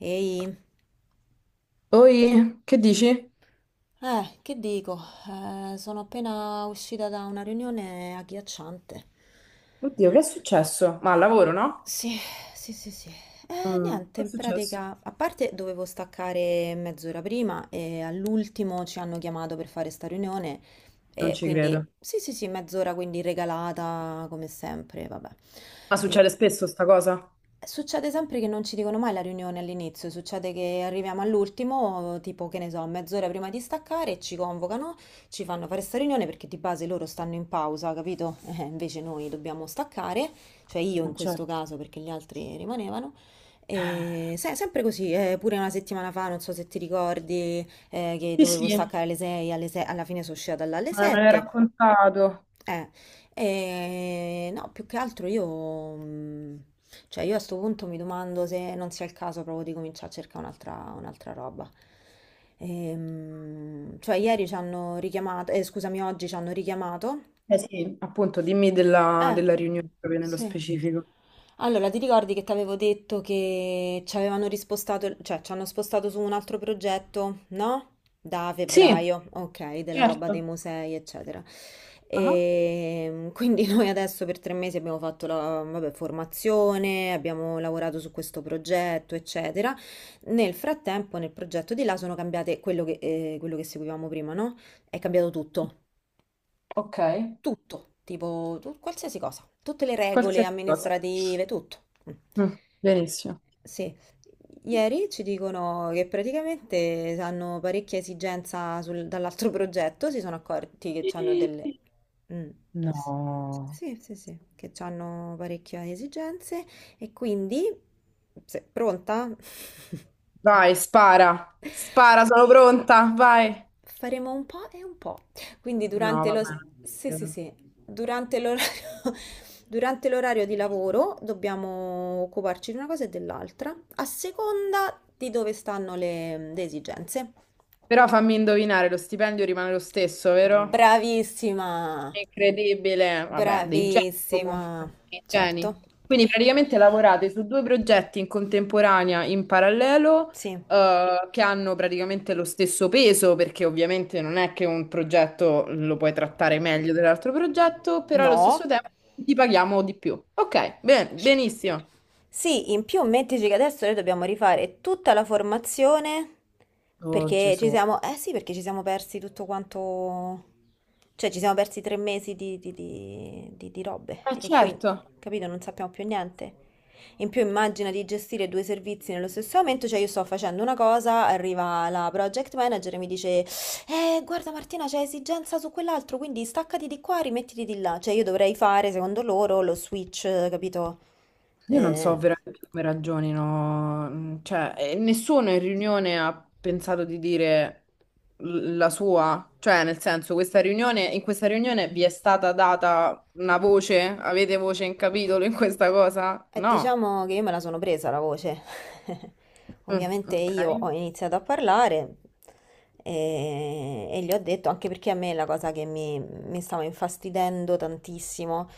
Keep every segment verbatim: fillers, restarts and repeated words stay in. Ehi, Oi, che dici? eh, che dico? Eh, sono appena uscita da una riunione agghiacciante. Oddio, che è successo? Ma al lavoro, no? Sì, sì, sì, sì. Eh, Mm, niente, Che è in successo? pratica, a parte dovevo staccare mezz'ora prima e all'ultimo ci hanno chiamato per fare sta riunione Non e ci quindi, credo. sì, sì, sì, mezz'ora quindi regalata come sempre, vabbè. Ma E succede spesso sta cosa? Succede sempre che non ci dicono mai la riunione all'inizio, succede che arriviamo all'ultimo, tipo che ne so, mezz'ora prima di staccare e ci convocano, ci fanno fare sta riunione perché di base loro stanno in pausa, capito? Eh, invece noi dobbiamo staccare, cioè io in Ma questo certo. caso perché gli altri rimanevano. E se- sempre così, eh, pure una settimana fa, non so se ti ricordi, eh, che Sì, dovevo sì, eh, staccare alle sei, alle sei alla fine sono uscita dalle me l'hai sette. raccontato. E no, più che altro io, mh, cioè io a sto punto mi domando se non sia il caso proprio di cominciare a cercare un'altra un'altra roba. Ehm, cioè ieri ci hanno richiamato, eh, scusami, oggi ci hanno richiamato. Eh sì, appunto, dimmi della, Eh della riunione proprio nello sì. specifico. Allora, ti ricordi che ti avevo detto che ci avevano rispostato, cioè ci hanno spostato su un altro progetto, no? Da Sì, febbraio, ok, della roba dei certo. musei, eccetera. Ah, E quindi noi adesso per tre mesi abbiamo fatto la, vabbè, formazione, abbiamo lavorato su questo progetto, eccetera. Nel frattempo, nel progetto di là sono cambiate quello che, eh, quello che seguivamo prima, no? È cambiato tutto ok. tutto, tipo tu- qualsiasi cosa, tutte le regole Qualsiasi cosa. amministrative, tutto. Mm. Mm, Benissimo. Sì, ieri ci dicono che praticamente hanno parecchia esigenza sul- dall'altro progetto, si sono accorti che hanno delle... Sì. Mm. S- No. Sì, sì, sì, che hanno parecchie esigenze e quindi... se- pronta? Vai, spara. Spara, sono pronta. Vai. Faremo un po' e un po'. Quindi No, durante va lo... Sì, sì, bene. sì. Durante l'orario... durante l'orario di lavoro dobbiamo occuparci di una cosa e dell'altra, a seconda di dove stanno le, le esigenze. Però fammi indovinare, lo stipendio rimane lo stesso, vero? Bravissima! Incredibile, vabbè, dei geni Bravissima! comunque, dei Certo. geni. Quindi praticamente lavorate su due progetti in contemporanea, in parallelo, Sì. eh, che hanno praticamente lo stesso peso, perché ovviamente non è che un progetto lo puoi trattare meglio dell'altro progetto, però allo stesso No. tempo ti paghiamo di più. Ok, bene, benissimo. Sì, in più mettici che adesso noi dobbiamo rifare tutta la formazione Oh perché ci Gesù. siamo, eh sì, perché ci siamo persi tutto quanto, cioè ci siamo persi tre mesi di, di, di, di- di robe Eh e quindi, certo. capito, non sappiamo più niente. In più immagina di gestire due servizi nello stesso momento, cioè io sto facendo una cosa, arriva la project manager e mi dice, eh, guarda Martina, c'è esigenza su quell'altro, quindi staccati di qua, rimettiti di là. Cioè io dovrei fare, secondo loro, lo switch, capito? Io non so Eh, veramente come ragionino, mm, cioè, eh, nessuno in riunione ha pensato di dire l- la sua, cioè, nel senso, questa riunione, in questa riunione vi è stata data una voce? Avete voce in capitolo in questa cosa? E No. diciamo che io me la sono presa la voce. Mm, Ovviamente ok. io ho iniziato a parlare e, e gli ho detto, anche perché a me la cosa che mi, mi stava infastidendo tantissimo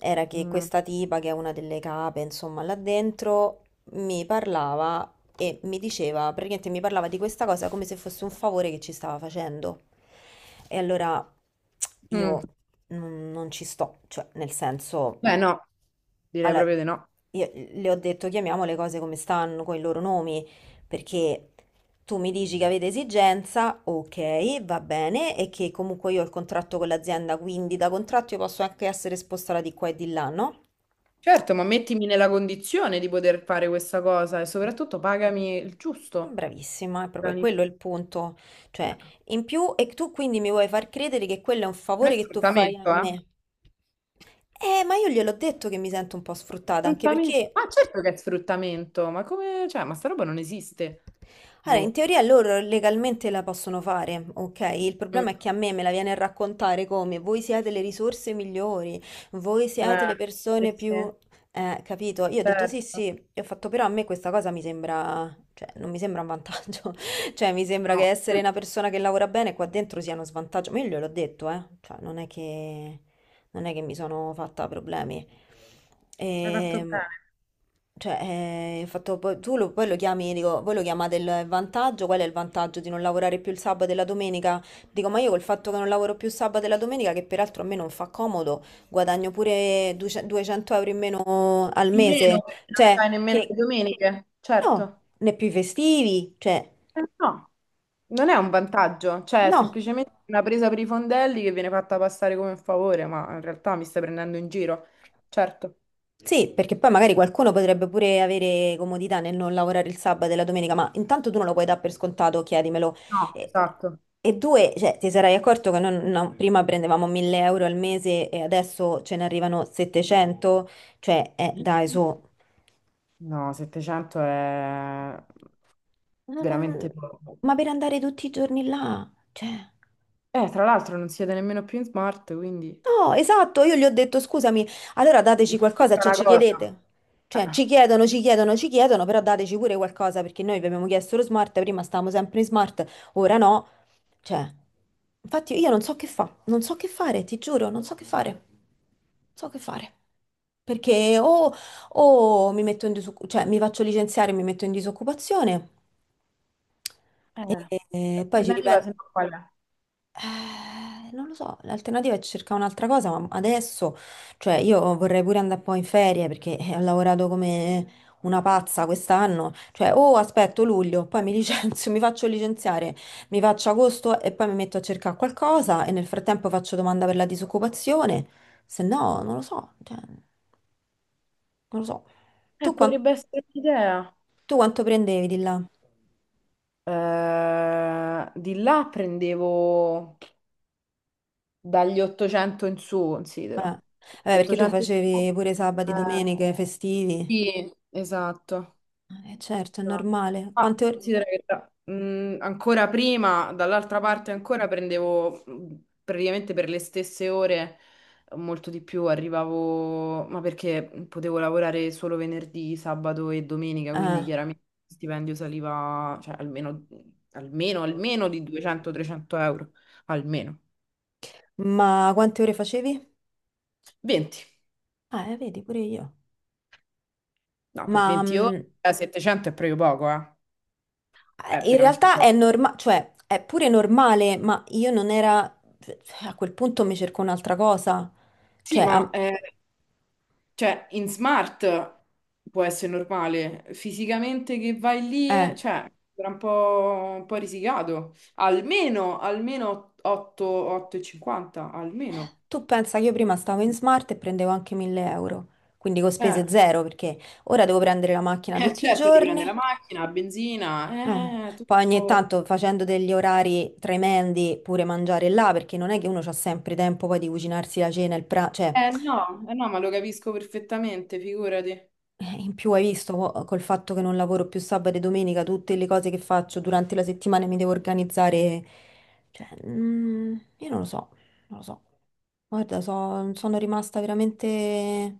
era che Mm. questa tipa, che è una delle cape, insomma, là dentro, mi parlava e mi diceva, praticamente mi parlava di questa cosa come se fosse un favore che ci stava facendo. E allora Mm. io non non ci sto, cioè nel senso... Beh, no, direi Allora, proprio di no. io le ho detto chiamiamo le cose come stanno, con i loro nomi, perché tu mi dici che avete esigenza, ok, va bene, e che comunque io ho il contratto con l'azienda, quindi da contratto io posso anche essere spostata di qua e di là, no? Certo, ma mettimi nella condizione di poter fare questa cosa e soprattutto pagami il giusto. Bravissima, è proprio Non quello il punto. Cioè, in più, e tu quindi mi vuoi far credere che quello è un è favore che tu fai a sfruttamento, eh? me? Eh, ma io gliel'ho detto che mi sento un po' sfruttata, anche Sfruttamento. perché... Ma certo che è sfruttamento, ma come, cioè, ma sta roba non esiste. Allora, in Boh. teoria loro legalmente la possono fare, ok? Il Mm. problema è che a me me la viene a raccontare come voi siete le risorse migliori, voi siete Eh, le persone sì, più... sì, Eh, capito? Io ho detto sì, certo. sì, e ho fatto però a me questa cosa mi sembra, cioè non mi sembra un vantaggio, cioè mi sembra No. che essere una persona che lavora bene qua dentro sia uno svantaggio, ma io gliel'ho detto, eh, cioè non è che, non è che mi sono fatta problemi, Hai fatto e, bene. cioè, eh, il fatto, poi- tu lo, poi lo chiami, dico, voi lo chiamate il vantaggio, qual è il vantaggio di non lavorare più il sabato e la domenica? Dico, ma io col fatto che non lavoro più il sabato e la domenica, che peraltro a me non fa comodo, guadagno pure duecento duecento euro in meno al In mese, meno, perché non cioè, fai nemmeno che le domeniche, no, certo. né più i festivi, cioè, Eh, no, non è un vantaggio, cioè, è no. semplicemente una presa per i fondelli che viene fatta passare come un favore, ma in realtà mi stai prendendo in giro. Certo. Sì, perché poi magari qualcuno potrebbe pure avere comodità nel non lavorare il sabato e la domenica, ma intanto tu non lo puoi dare per scontato, chiedimelo. No, E, esatto. e due, cioè, ti sarai accorto che non- no, prima prendevamo mille euro al mese e adesso ce ne arrivano settecento? Cioè, eh, dai, su. No, settecento è No, no, veramente no, poco. ma per andare tutti i giorni là, cioè... Eh, tra l'altro non siete nemmeno più in smart, quindi... No, esatto, io gli ho detto scusami, allora dateci qualcosa, È cioè una ci cosa. chiedete. Eh, Cioè ci chiedono, ci chiedono, ci chiedono, però dateci pure qualcosa perché noi vi abbiamo chiesto lo smart, prima stavamo sempre in smart, ora no. Cioè, infatti io non so che fa, non so che fare, ti giuro, non so che fare. Non So che fare. Perché o, o mi metto in disoccupazione, cioè mi faccio licenziare e mi metto in disoccupazione. Eh, E, e poi ci Alternativa, ripenso. se no qual è? Eh, non lo so, l'alternativa è cercare un'altra cosa, ma adesso, cioè io vorrei pure andare poi in ferie perché eh, ho lavorato come una pazza quest'anno, cioè o aspetto luglio, poi mi licenzio, mi faccio licenziare, mi faccio agosto e poi mi metto a cercare qualcosa e nel frattempo faccio domanda per la disoccupazione, se no non lo so, cioè, non lo so. Eh, eh, Tu, quan- Potrebbe essere un'idea. tu quanto prendevi di là? Eh, di là prendevo dagli ottocento in su, considera. Eh. Vabbè, perché tu ottocento in su. facevi pure sabati, Eh, domeniche, festivi. sì, esatto. Eh, certo, è Esatto. normale. Ah, Quante ore? considera che tra- mh, ancora prima, dall'altra parte ancora prendevo mh, praticamente per le stesse ore, molto di più, arrivavo, ma perché potevo lavorare solo venerdì, sabato e domenica, quindi Ah, chiaramente il stipendio saliva, cioè, almeno, almeno, almeno di duecento-trecento euro, almeno. ma quante ore facevi? venti, Ah, eh, vedi, pure io. no, per Ma venti ore, mm, eh, settecento è proprio poco, eh, è eh, in veramente realtà è poco. normale, cioè è pure normale, ma io non era... A quel punto mi cerco un'altra cosa. Cioè, Sì, a- ma... eh, cioè, in smart può essere normale, fisicamente che vai lì, eh, eh, cioè, era un po', un po' risicato. Almeno, almeno otto, otto e cinquanta, almeno. tu pensa che io prima stavo in smart e prendevo anche mille euro, quindi con Eh, spese zero, perché ora devo prendere la macchina eh, tutti i certo, ti prende la giorni. macchina, la benzina, Eh, eh, eh, eh, Poi ogni tutto... tanto facendo degli orari tremendi pure mangiare là, perché non è che uno ha sempre tempo poi di cucinarsi la cena, il pranzo, cioè... Eh no, eh no, ma lo capisco perfettamente, figurati. Eh, In più hai visto co- col fatto che non lavoro più sabato e domenica, tutte le cose che faccio durante la settimana mi devo organizzare. Cioè, mm, io non lo so, non lo so. Guarda, so- sono rimasta veramente...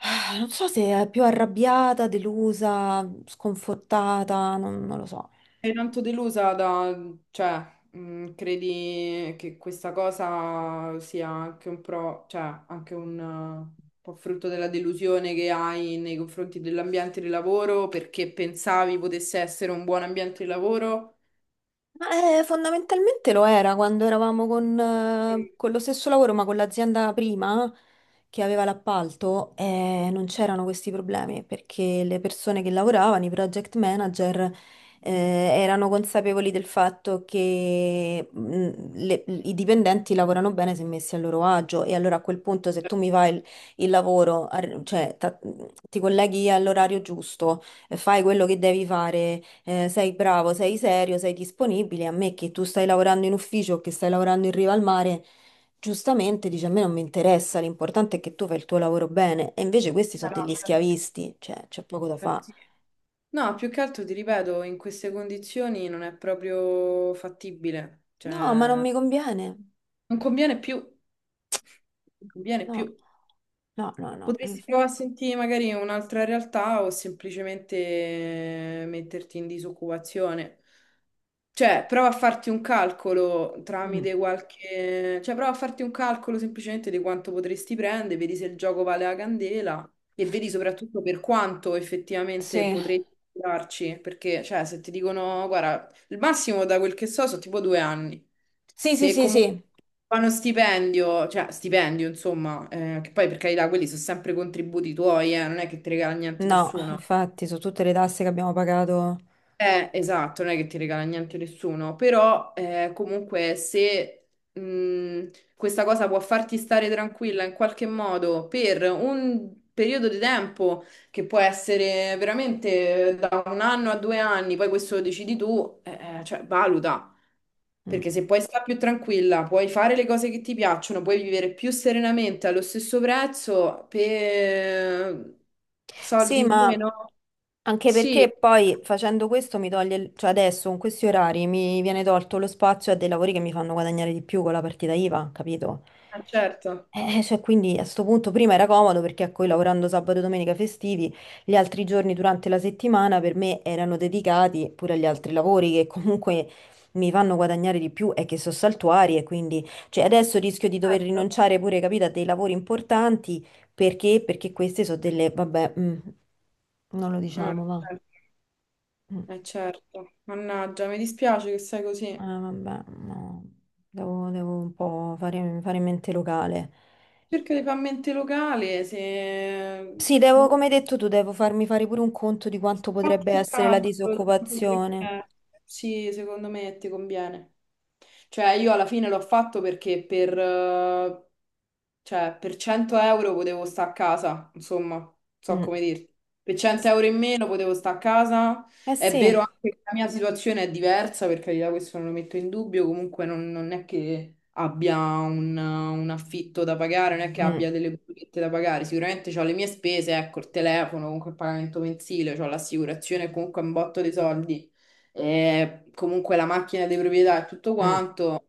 Non so se è più arrabbiata, delusa, sconfortata, non, non lo so. Sei tanto delusa da, cioè, mh, credi che questa cosa sia anche un pro, cioè, anche un eh, po' frutto della delusione che hai nei confronti dell'ambiente di lavoro perché pensavi potesse essere un buon ambiente di lavoro? Ma, eh, fondamentalmente lo era quando eravamo con, Sì. eh, con lo stesso lavoro, ma con l'azienda prima che aveva l'appalto, eh, non c'erano questi problemi perché le persone che lavoravano, i project manager, eh, erano consapevoli del fatto che mh, le- i dipendenti lavorano bene se messi a loro agio e allora a quel punto se tu mi Certo. fai il, il lavoro, ar- cioè ta- ti colleghi all'orario giusto fai quello che devi fare, eh, sei bravo, sei serio, sei disponibile. A me che tu stai lavorando in ufficio o che stai lavorando in riva al mare, giustamente dici a me non mi interessa, l'importante è che tu fai il tuo lavoro bene. E invece questi sono Beh, no, degli certo. schiavisti, cioè c'è poco da Eh, fare. sì. No, più che altro ti ripeto, in queste condizioni non è proprio fattibile, No, ma non cioè, mi conviene. non conviene più, non conviene No, più. no, no, no. Potresti inf- provare a sentire magari un'altra realtà o semplicemente metterti in disoccupazione. Cioè, prova a farti un calcolo Mm. tramite qualche... Cioè, prova a farti un calcolo semplicemente di quanto potresti prendere, vedi se il gioco vale la candela e vedi soprattutto per quanto effettivamente Sì, potresti darci. Perché, cioè, se ti dicono, guarda, il massimo da quel che so sono tipo due anni. sì, sì, Se sì, comunque sì. fanno stipendio, cioè stipendio, insomma, eh, che poi per carità quelli sono sempre contributi tuoi, eh, non è che ti regala niente No, nessuno. infatti, su tutte le tasse che abbiamo pagato. Eh, esatto, non è che ti regala niente nessuno, però eh, comunque se mh, questa cosa può farti stare tranquilla in qualche modo per un periodo di tempo che può essere veramente da un anno a due anni, poi questo lo decidi tu, eh, eh, cioè valuta, perché Mm. se puoi stare più tranquilla, puoi fare le cose che ti piacciono, puoi vivere più serenamente allo stesso prezzo per soldi Sì, in ma meno, anche sì, perché eh, poi facendo questo mi toglie, il- cioè adesso con questi orari mi viene tolto lo spazio a dei lavori che mi fanno guadagnare di più con la partita IVA, capito? certo. Eh, eh, cioè, quindi a sto punto prima era comodo perché a cui lavorando sabato e domenica festivi, gli altri giorni durante la settimana per me erano dedicati pure agli altri lavori che comunque mi fanno guadagnare di più e che sono saltuari e quindi cioè, adesso rischio di dover Certo. rinunciare pure, capito, a dei lavori importanti perché? Perché queste sono delle, vabbè, mm, non lo Mm, diciamo, va. certo. Mm, Eh, eh, certo. Mannaggia, mi dispiace che sei così. vabbè, no. Devo, devo un po' fare, fare mente locale. Cerca di fare mente locale, se Sì, devo, come hai boh. detto tu, devo farmi fare pure un conto di quanto potrebbe Fatti essere la tanto, tanto. disoccupazione. perché- Sì, secondo me ti conviene. Cioè, io alla fine l'ho fatto perché per, eh, cioè, per cento euro potevo stare a casa, insomma, non so Mm. come dirti. Per cento euro in meno potevo stare a casa. Eh È sì. vero anche che la mia situazione è diversa, per carità, questo non lo metto in dubbio, comunque non, non è che abbia un, un affitto da pagare, non è che Mm, abbia delle bollette da pagare, sicuramente ho le mie spese, ecco, il telefono, comunque il pagamento mensile, ho l'assicurazione, comunque un botto di soldi, e comunque la macchina di proprietà e tutto mm. quanto.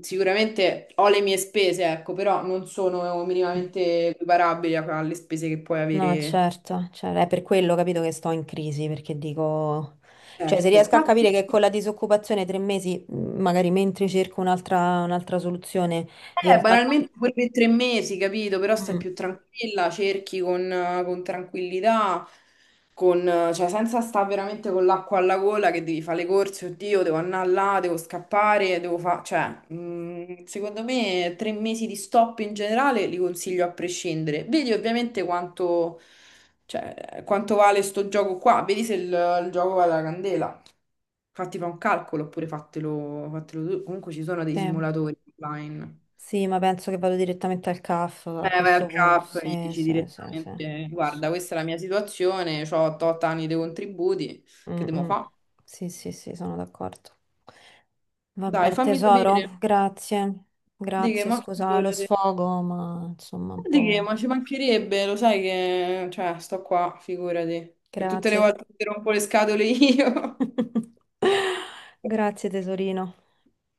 Sicuramente ho le mie spese, ecco, però non sono minimamente equiparabili a- alle spese che puoi No, avere. certo, cioè, è per quello, capito, che sto in crisi, perché dico, cioè se Certo. riesco a capire che con la disoccupazione tre mesi, mm, magari mentre cerco un'altra un'altra soluzione, Eh, riesco a... Banalmente pure per tre mesi, capito? Però stai Mm, più tranquilla, cerchi con, eh, con tranquillità, con, eh, cioè senza stare veramente con l'acqua alla gola che devi fare le corse, oddio, devo andare là, devo scappare, devo fare... Cioè, mh, secondo me tre mesi di stop in generale li consiglio a prescindere. Vedi ovviamente quanto, cioè, quanto vale sto gioco qua, vedi se il, il gioco vale la candela. Fatti fa un calcolo oppure fatelo, fatelo tu. Comunque ci sono dei sì. simulatori online. Sì, ma penso che vado direttamente al CAF a F a Eh, vai al questo punto, C A P, gli sì, dici sì, sì, sì. direttamente, guarda, questa è la mia situazione, ho otto anni di contributi, che Mm, devo mm. fare? Sì, sì, sì, sono d'accordo. Dai, Vabbè, fammi sapere. tesoro, grazie. Di che, Grazie, ma scusa lo figurati. sfogo, ma insomma un Di che, po'. ma ci mancherebbe, lo sai che, cioè, sto qua, figurati. Per tutte le Grazie. volte che ti rompo le scatole io. Grazie, tesorino.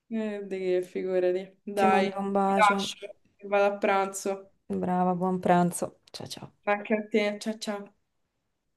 Eh, di che, figurati. Ti Dai, mando un ti bacio. lascio, vado a pranzo. Brava, buon pranzo. Ciao, ciao. Anche a te, ciao ciao.